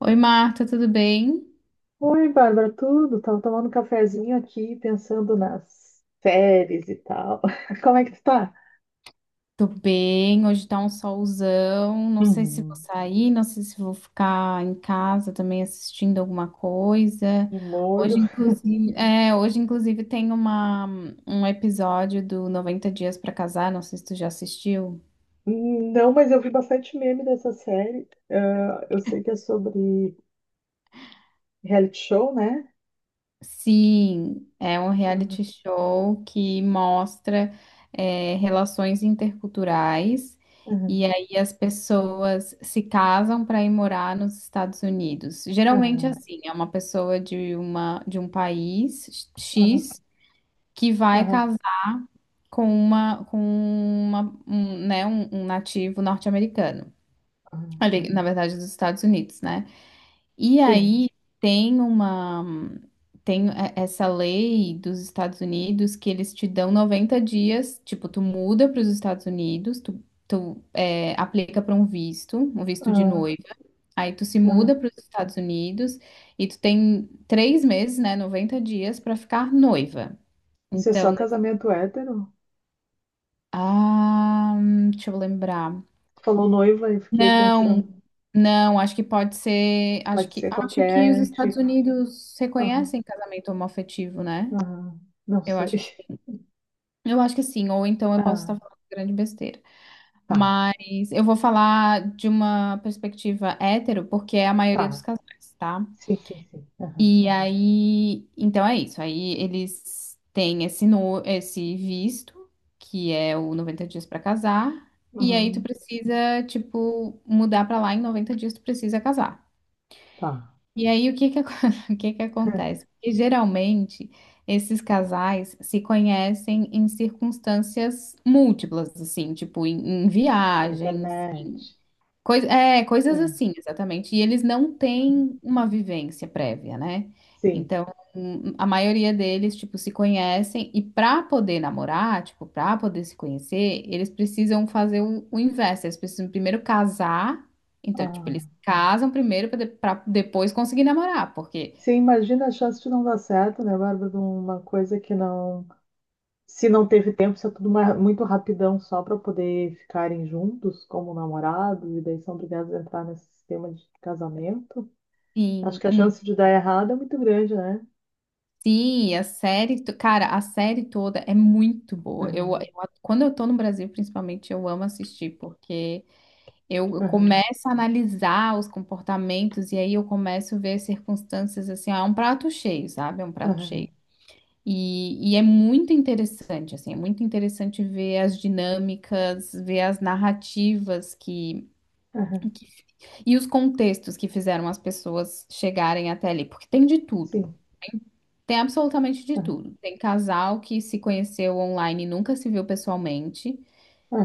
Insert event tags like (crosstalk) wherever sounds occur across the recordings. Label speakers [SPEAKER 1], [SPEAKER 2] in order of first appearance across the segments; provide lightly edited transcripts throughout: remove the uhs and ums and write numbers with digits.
[SPEAKER 1] Oi, Marta, tudo bem?
[SPEAKER 2] Oi, Bárbara, tudo? Tava tomando um cafezinho aqui, pensando nas séries e tal. (laughs) Como é que tu tá?
[SPEAKER 1] Tô bem, hoje tá um solzão. Não sei se vou
[SPEAKER 2] Uhum.
[SPEAKER 1] sair, não sei se vou ficar em casa também assistindo alguma coisa.
[SPEAKER 2] De molho?
[SPEAKER 1] Hoje, inclusive, tem um episódio do 90 Dias pra Casar, não sei se tu já assistiu.
[SPEAKER 2] Não, mas eu vi bastante meme dessa série. Ah, eu sei que é sobre reality show, né?
[SPEAKER 1] Sim, é um
[SPEAKER 2] Aham,
[SPEAKER 1] reality show que mostra relações interculturais e
[SPEAKER 2] aham,
[SPEAKER 1] aí as pessoas se casam para ir morar nos Estados Unidos. Geralmente
[SPEAKER 2] aham,
[SPEAKER 1] assim, é uma pessoa de um país
[SPEAKER 2] aham,
[SPEAKER 1] X que vai
[SPEAKER 2] aham,
[SPEAKER 1] casar com uma um, né, um nativo norte-americano.
[SPEAKER 2] aham.
[SPEAKER 1] Ali, na verdade, dos Estados Unidos, né? E
[SPEAKER 2] Sim.
[SPEAKER 1] aí tem uma essa lei dos Estados Unidos que eles te dão 90 dias, tipo, tu muda para os Estados Unidos, aplica para um visto de
[SPEAKER 2] Aham,
[SPEAKER 1] noiva, aí tu se muda
[SPEAKER 2] aham.
[SPEAKER 1] para os Estados Unidos e tu tem três meses, né, 90 dias para ficar noiva.
[SPEAKER 2] Isso é só
[SPEAKER 1] Então, né,
[SPEAKER 2] casamento hétero?
[SPEAKER 1] deixa eu lembrar.
[SPEAKER 2] Tu falou noiva e fiquei pensando.
[SPEAKER 1] Não, não, acho que pode ser.
[SPEAKER 2] Pode ser
[SPEAKER 1] Acho que os
[SPEAKER 2] qualquer
[SPEAKER 1] Estados
[SPEAKER 2] tipo.
[SPEAKER 1] Unidos
[SPEAKER 2] Aham,
[SPEAKER 1] reconhecem casamento homoafetivo, né?
[SPEAKER 2] aham. Não
[SPEAKER 1] Eu
[SPEAKER 2] sei.
[SPEAKER 1] acho que
[SPEAKER 2] (laughs)
[SPEAKER 1] sim. Eu acho que sim, ou então eu posso estar
[SPEAKER 2] Ah,
[SPEAKER 1] falando grande besteira.
[SPEAKER 2] tá,
[SPEAKER 1] Mas eu vou falar de uma perspectiva hétero, porque é a maioria dos
[SPEAKER 2] tá.
[SPEAKER 1] casais, tá?
[SPEAKER 2] Sim, sim, sim. Aham.
[SPEAKER 1] E aí, então é isso. Aí eles têm esse, no, esse visto, que é o noventa dias pra casar, e aí tu
[SPEAKER 2] Uhum.
[SPEAKER 1] precisa, tipo, mudar pra lá em 90 dias tu precisa casar.
[SPEAKER 2] Tá.
[SPEAKER 1] E aí, o que que, acon- (laughs) o que que acontece?
[SPEAKER 2] (laughs)
[SPEAKER 1] Porque geralmente esses casais se conhecem em circunstâncias múltiplas, assim, tipo em
[SPEAKER 2] Na
[SPEAKER 1] viagens.
[SPEAKER 2] internet.
[SPEAKER 1] Coisas
[SPEAKER 2] É.
[SPEAKER 1] assim, exatamente. E eles não têm uma vivência prévia, né?
[SPEAKER 2] Sim.
[SPEAKER 1] Então, a maioria deles, tipo, se conhecem e para poder namorar, tipo, para poder se conhecer, eles precisam fazer o inverso. Eles precisam primeiro casar. Então, tipo, eles
[SPEAKER 2] Ah.
[SPEAKER 1] casam primeiro para depois conseguir namorar, porque
[SPEAKER 2] Sim, imagina a chance de não dar certo, né, Bárbara? De uma coisa que não. Se não teve tempo, se é tudo muito rapidão só para poder ficarem juntos como namorados, e daí são obrigados a entrar nesse sistema de casamento. Acho
[SPEAKER 1] sim,
[SPEAKER 2] que a chance de dar errado é muito grande, né?
[SPEAKER 1] sim, a série, cara, a série toda é muito boa.
[SPEAKER 2] Aham,
[SPEAKER 1] Quando eu tô no Brasil, principalmente, eu amo assistir porque eu
[SPEAKER 2] aham,
[SPEAKER 1] começo a analisar os comportamentos e aí eu começo a ver as circunstâncias assim, ó, é um prato cheio, sabe? É um prato
[SPEAKER 2] aham,
[SPEAKER 1] cheio. E é muito interessante, assim, é muito interessante ver as dinâmicas, ver as narrativas que,
[SPEAKER 2] aham.
[SPEAKER 1] que e os contextos que fizeram as pessoas chegarem até ali, porque tem de tudo.
[SPEAKER 2] Sim.
[SPEAKER 1] Tem absolutamente de
[SPEAKER 2] Aham,
[SPEAKER 1] tudo. Tem casal que se conheceu online e nunca se viu pessoalmente.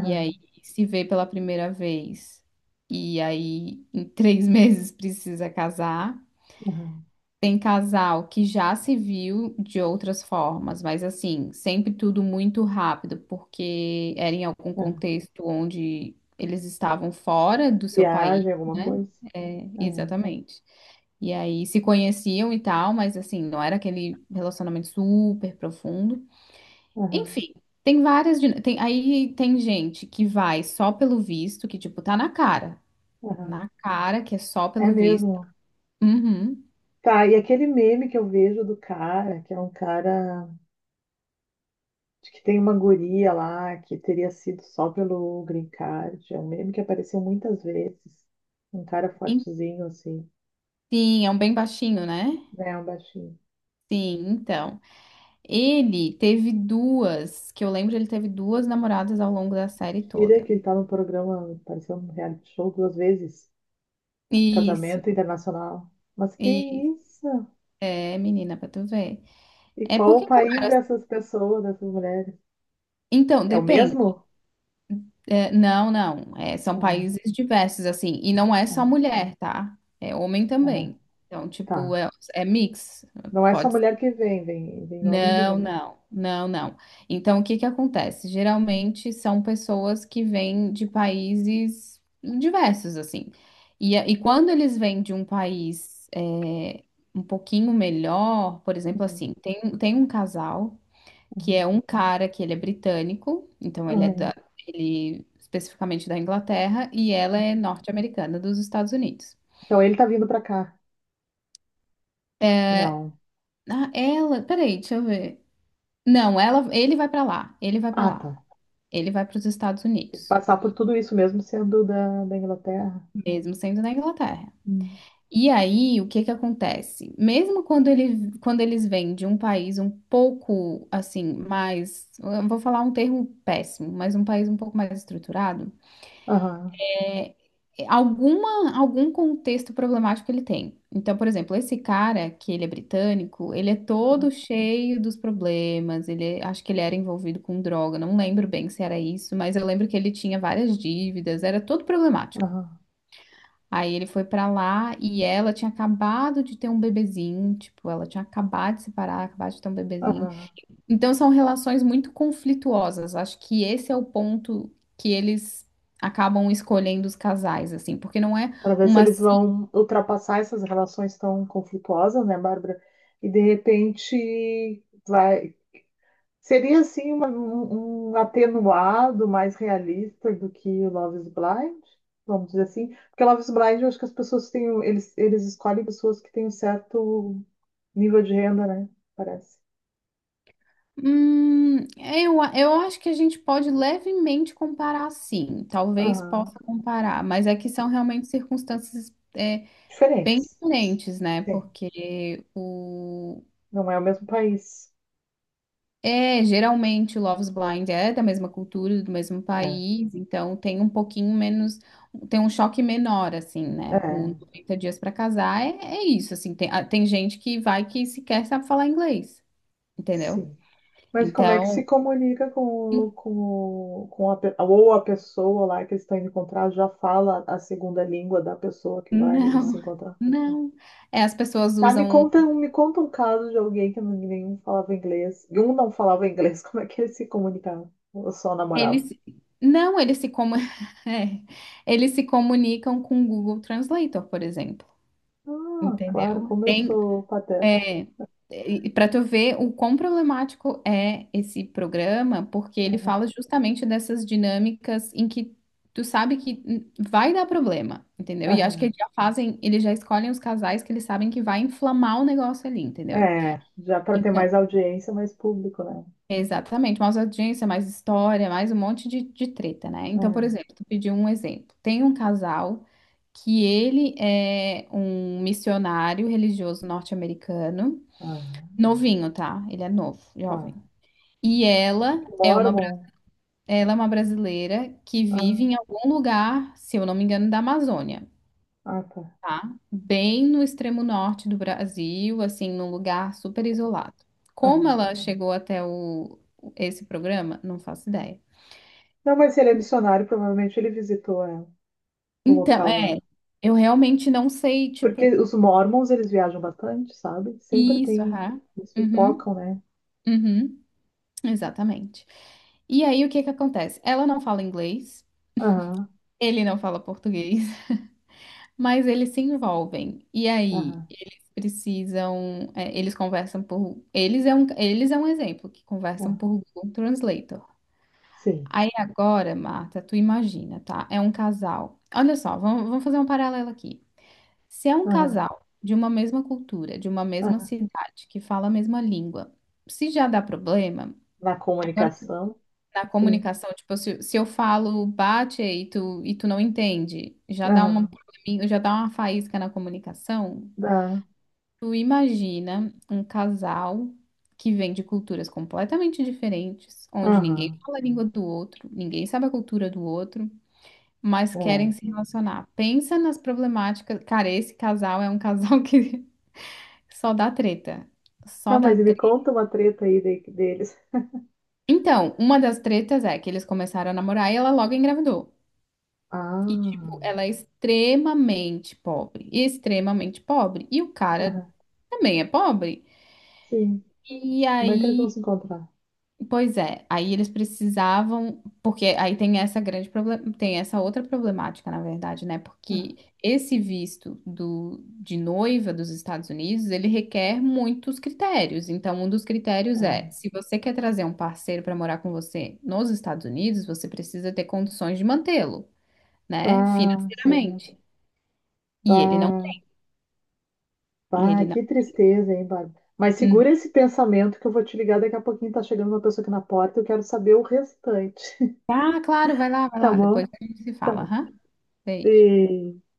[SPEAKER 1] E aí se vê pela primeira vez. E aí em três (laughs) meses precisa casar.
[SPEAKER 2] aham,
[SPEAKER 1] Tem casal que já se viu de outras formas, mas assim, sempre tudo muito rápido, porque era em algum
[SPEAKER 2] aham.
[SPEAKER 1] contexto onde eles estavam fora do seu país,
[SPEAKER 2] Viagem, alguma
[SPEAKER 1] né?
[SPEAKER 2] coisa?
[SPEAKER 1] É,
[SPEAKER 2] É.
[SPEAKER 1] exatamente. E aí se conheciam e tal, mas assim, não era aquele relacionamento super profundo.
[SPEAKER 2] Aham.
[SPEAKER 1] Enfim, tem várias. Tem, aí tem gente que vai só pelo visto, que, tipo, tá na cara.
[SPEAKER 2] Aham.
[SPEAKER 1] Na cara, que é só
[SPEAKER 2] É
[SPEAKER 1] pelo visto.
[SPEAKER 2] mesmo.
[SPEAKER 1] Uhum.
[SPEAKER 2] Tá, e aquele meme que eu vejo do cara, que é um cara de que tem uma guria lá, que teria sido só pelo green card, é um meme que apareceu muitas vezes. Um cara
[SPEAKER 1] E-
[SPEAKER 2] fortezinho, assim,
[SPEAKER 1] Sim, é um bem baixinho, né?
[SPEAKER 2] né, um baixinho.
[SPEAKER 1] Sim, então. Ele teve duas, que eu lembro, ele teve duas namoradas ao longo da série
[SPEAKER 2] Tira
[SPEAKER 1] toda.
[SPEAKER 2] que ele tá no programa, apareceu no reality show duas vezes, casamento
[SPEAKER 1] Isso.
[SPEAKER 2] internacional. Mas que
[SPEAKER 1] E
[SPEAKER 2] isso?
[SPEAKER 1] é, menina, pra tu ver.
[SPEAKER 2] E
[SPEAKER 1] É
[SPEAKER 2] qual o
[SPEAKER 1] porque.
[SPEAKER 2] país dessas pessoas, dessas mulheres?
[SPEAKER 1] Então,
[SPEAKER 2] É o
[SPEAKER 1] depende.
[SPEAKER 2] mesmo?
[SPEAKER 1] É, não, não. É, são
[SPEAKER 2] Ah,
[SPEAKER 1] países diversos, assim. E não é só
[SPEAKER 2] ah,
[SPEAKER 1] mulher, tá? É homem
[SPEAKER 2] ah,
[SPEAKER 1] também. Então,
[SPEAKER 2] tá.
[SPEAKER 1] é mix.
[SPEAKER 2] Não é só
[SPEAKER 1] Pode
[SPEAKER 2] mulher
[SPEAKER 1] ser.
[SPEAKER 2] que vem homem e
[SPEAKER 1] Não,
[SPEAKER 2] mulher.
[SPEAKER 1] não, não, não. Então, o que que acontece? Geralmente são pessoas que vêm de países diversos, assim. E quando eles vêm de um país um pouquinho melhor, por exemplo,
[SPEAKER 2] Uhum,
[SPEAKER 1] assim, tem um casal que é
[SPEAKER 2] uhum,
[SPEAKER 1] um cara que ele é britânico, então
[SPEAKER 2] uhum.
[SPEAKER 1] ele especificamente da Inglaterra, e ela é norte-americana dos Estados Unidos.
[SPEAKER 2] Então ele tá vindo pra cá. Não.
[SPEAKER 1] Peraí, deixa eu ver. Não, ela, ele vai pra lá,
[SPEAKER 2] Ah, tá.
[SPEAKER 1] ele vai para os Estados
[SPEAKER 2] Tem que
[SPEAKER 1] Unidos,
[SPEAKER 2] passar por tudo isso mesmo sendo da Inglaterra.
[SPEAKER 1] mesmo sendo na Inglaterra.
[SPEAKER 2] Hum.
[SPEAKER 1] E aí, o que que acontece? Mesmo quando ele, quando eles vêm de um país um pouco assim, mais, eu vou falar um termo péssimo, mas um país um pouco mais estruturado
[SPEAKER 2] Aham,
[SPEAKER 1] é, alguma, algum contexto problemático ele tem. Então, por exemplo, esse cara, que ele é britânico, ele é todo
[SPEAKER 2] aham,
[SPEAKER 1] cheio dos problemas, ele, acho que ele era envolvido com droga, não lembro bem se era isso, mas eu lembro que ele tinha várias dívidas, era todo problemático.
[SPEAKER 2] aham,
[SPEAKER 1] Aí ele foi pra lá e ela tinha acabado de ter um bebezinho, tipo, ela tinha acabado de separar, acabado de ter um bebezinho.
[SPEAKER 2] aham.
[SPEAKER 1] Então são relações muito conflituosas. Acho que esse é o ponto que eles acabam escolhendo os casais, assim, porque não é
[SPEAKER 2] Para ver se
[SPEAKER 1] uma.
[SPEAKER 2] eles vão ultrapassar essas relações tão conflituosas, né, Bárbara? E de repente vai. Seria assim um atenuado mais realista do que o Love is Blind, vamos dizer assim, porque Love is Blind eu acho que as pessoas têm, eles, eles escolhem pessoas que têm um certo nível de renda, né? Parece.
[SPEAKER 1] Eu acho que a gente pode levemente comparar, sim. Talvez possa
[SPEAKER 2] Aham.
[SPEAKER 1] comparar, mas é que são realmente circunstâncias bem
[SPEAKER 2] Diferentes.
[SPEAKER 1] diferentes, né?
[SPEAKER 2] Sim.
[SPEAKER 1] Porque o
[SPEAKER 2] Não é o mesmo país.
[SPEAKER 1] É, geralmente o Love is Blind é da mesma cultura, do mesmo
[SPEAKER 2] É,
[SPEAKER 1] país, então tem um pouquinho menos, tem um choque menor, assim, né? O
[SPEAKER 2] é,
[SPEAKER 1] 90 dias pra casar é, é isso, assim, tem, ah, tem gente que vai que sequer sabe falar inglês, entendeu?
[SPEAKER 2] sim. Mas como é que se
[SPEAKER 1] Então,
[SPEAKER 2] comunica com,
[SPEAKER 1] en-
[SPEAKER 2] o- com, com a, ou a pessoa lá que eles estão indo encontrar já fala a segunda língua da pessoa
[SPEAKER 1] não,
[SPEAKER 2] que vai se
[SPEAKER 1] (laughs)
[SPEAKER 2] encontrar?
[SPEAKER 1] não. É, as pessoas
[SPEAKER 2] Tá, me
[SPEAKER 1] usam,
[SPEAKER 2] conta, me conta um caso de alguém que nenhum falava inglês. E um não falava inglês, (laughs) como é que eles se comunicavam? Ou só namoravam?
[SPEAKER 1] eles, não, eles se, comu- (laughs) é, eles se comunicam com o Google Translator, por exemplo,
[SPEAKER 2] Ah, claro,
[SPEAKER 1] entendeu?
[SPEAKER 2] como eu
[SPEAKER 1] Tem,
[SPEAKER 2] sou pateta.
[SPEAKER 1] É, para tu ver o quão problemático é esse programa, porque ele fala justamente dessas dinâmicas em que tu sabe que vai dar problema, entendeu? E acho que
[SPEAKER 2] Aham.
[SPEAKER 1] eles já fazem, eles já escolhem os casais que eles sabem que vai inflamar o negócio ali, entendeu?
[SPEAKER 2] É, já para ter
[SPEAKER 1] Então,
[SPEAKER 2] mais audiência, mais público, né?
[SPEAKER 1] exatamente, mais audiência, mais história, mais um monte de treta, né? Então, por
[SPEAKER 2] É,
[SPEAKER 1] exemplo, tu pediu um exemplo. Tem um casal que ele é um missionário religioso norte-americano.
[SPEAKER 2] aham,
[SPEAKER 1] Novinho, tá? Ele é novo,
[SPEAKER 2] tá.
[SPEAKER 1] jovem. E ela
[SPEAKER 2] Tipo,
[SPEAKER 1] é uma,
[SPEAKER 2] Mormon.
[SPEAKER 1] ela é uma brasileira que vive
[SPEAKER 2] Ah,
[SPEAKER 1] em algum lugar, se eu não me engano, da Amazônia,
[SPEAKER 2] ah, tá.
[SPEAKER 1] tá? Bem no extremo norte do Brasil, assim, num lugar super isolado. Como
[SPEAKER 2] Aham.
[SPEAKER 1] ela chegou até esse programa, não faço ideia.
[SPEAKER 2] Não, mas se ele é missionário, provavelmente ele visitou, é, o
[SPEAKER 1] Então,
[SPEAKER 2] local
[SPEAKER 1] é,
[SPEAKER 2] lá.
[SPEAKER 1] eu realmente não sei, tipo,
[SPEAKER 2] Porque os Mormons, eles viajam bastante, sabe? Sempre
[SPEAKER 1] isso,
[SPEAKER 2] tem,
[SPEAKER 1] aham.
[SPEAKER 2] eles
[SPEAKER 1] Uhum,
[SPEAKER 2] pipocam, né?
[SPEAKER 1] uhum, exatamente. E aí, o que que acontece? Ela não fala inglês,
[SPEAKER 2] Aham,
[SPEAKER 1] ele não fala português. Mas eles se envolvem. E aí,
[SPEAKER 2] aham,
[SPEAKER 1] eles precisam. É, eles conversam por. Eles é um exemplo que conversam
[SPEAKER 2] aham.
[SPEAKER 1] por Google Translator.
[SPEAKER 2] Sim.
[SPEAKER 1] Aí agora, Marta, tu imagina, tá? É um casal. Olha só, vamos fazer um paralelo aqui. Se é um
[SPEAKER 2] Aham,
[SPEAKER 1] casal de uma mesma cultura, de uma mesma
[SPEAKER 2] aham.
[SPEAKER 1] cidade, que fala a mesma língua, se já dá problema,
[SPEAKER 2] Na
[SPEAKER 1] agora tu-
[SPEAKER 2] comunicação,
[SPEAKER 1] na
[SPEAKER 2] sim.
[SPEAKER 1] comunicação, tipo, se eu falo bate e tu não entende, já dá uma,
[SPEAKER 2] Aham,
[SPEAKER 1] já dá uma faísca na comunicação.
[SPEAKER 2] dá.
[SPEAKER 1] Tu imagina um casal que vem de culturas completamente diferentes, onde ninguém
[SPEAKER 2] Aham,
[SPEAKER 1] fala a língua do outro, ninguém sabe a cultura do outro, mas querem
[SPEAKER 2] é.
[SPEAKER 1] se relacionar. Pensa nas problemáticas. Cara, esse casal é um casal (laughs) que só dá treta.
[SPEAKER 2] Tá,
[SPEAKER 1] Só
[SPEAKER 2] mas
[SPEAKER 1] dá
[SPEAKER 2] me
[SPEAKER 1] treta.
[SPEAKER 2] conta uma treta aí deles.
[SPEAKER 1] Então, uma das tretas é que eles começaram a namorar e ela logo engravidou. E, tipo,
[SPEAKER 2] Ah,
[SPEAKER 1] ela é extremamente pobre. Extremamente pobre. E o cara
[SPEAKER 2] aham,
[SPEAKER 1] também é pobre.
[SPEAKER 2] sim.
[SPEAKER 1] E
[SPEAKER 2] Como é que eles
[SPEAKER 1] aí.
[SPEAKER 2] vão se encontrar?
[SPEAKER 1] Pois é, aí eles precisavam, porque aí tem essa grande problema, tem essa outra problemática, na verdade, né? Porque esse visto de noiva dos Estados Unidos, ele requer muitos critérios. Então, um dos critérios
[SPEAKER 2] Ah,
[SPEAKER 1] é, se você quer trazer um parceiro para morar com você nos Estados Unidos, você precisa ter condições de mantê-lo, né?
[SPEAKER 2] bah, sei
[SPEAKER 1] Financeiramente.
[SPEAKER 2] lá.
[SPEAKER 1] E ele não,
[SPEAKER 2] Bah, bah,
[SPEAKER 1] ele não.
[SPEAKER 2] que tristeza, hein, Bárbara? Mas
[SPEAKER 1] Uhum.
[SPEAKER 2] segura esse pensamento que eu vou te ligar daqui a pouquinho. Tá chegando uma pessoa aqui na porta. Eu quero saber o restante. (laughs)
[SPEAKER 1] Ah, claro, vai
[SPEAKER 2] Tá
[SPEAKER 1] lá, depois
[SPEAKER 2] bom?
[SPEAKER 1] a gente se
[SPEAKER 2] Tá
[SPEAKER 1] fala,
[SPEAKER 2] bom.
[SPEAKER 1] aham. Beijo.
[SPEAKER 2] Beijo.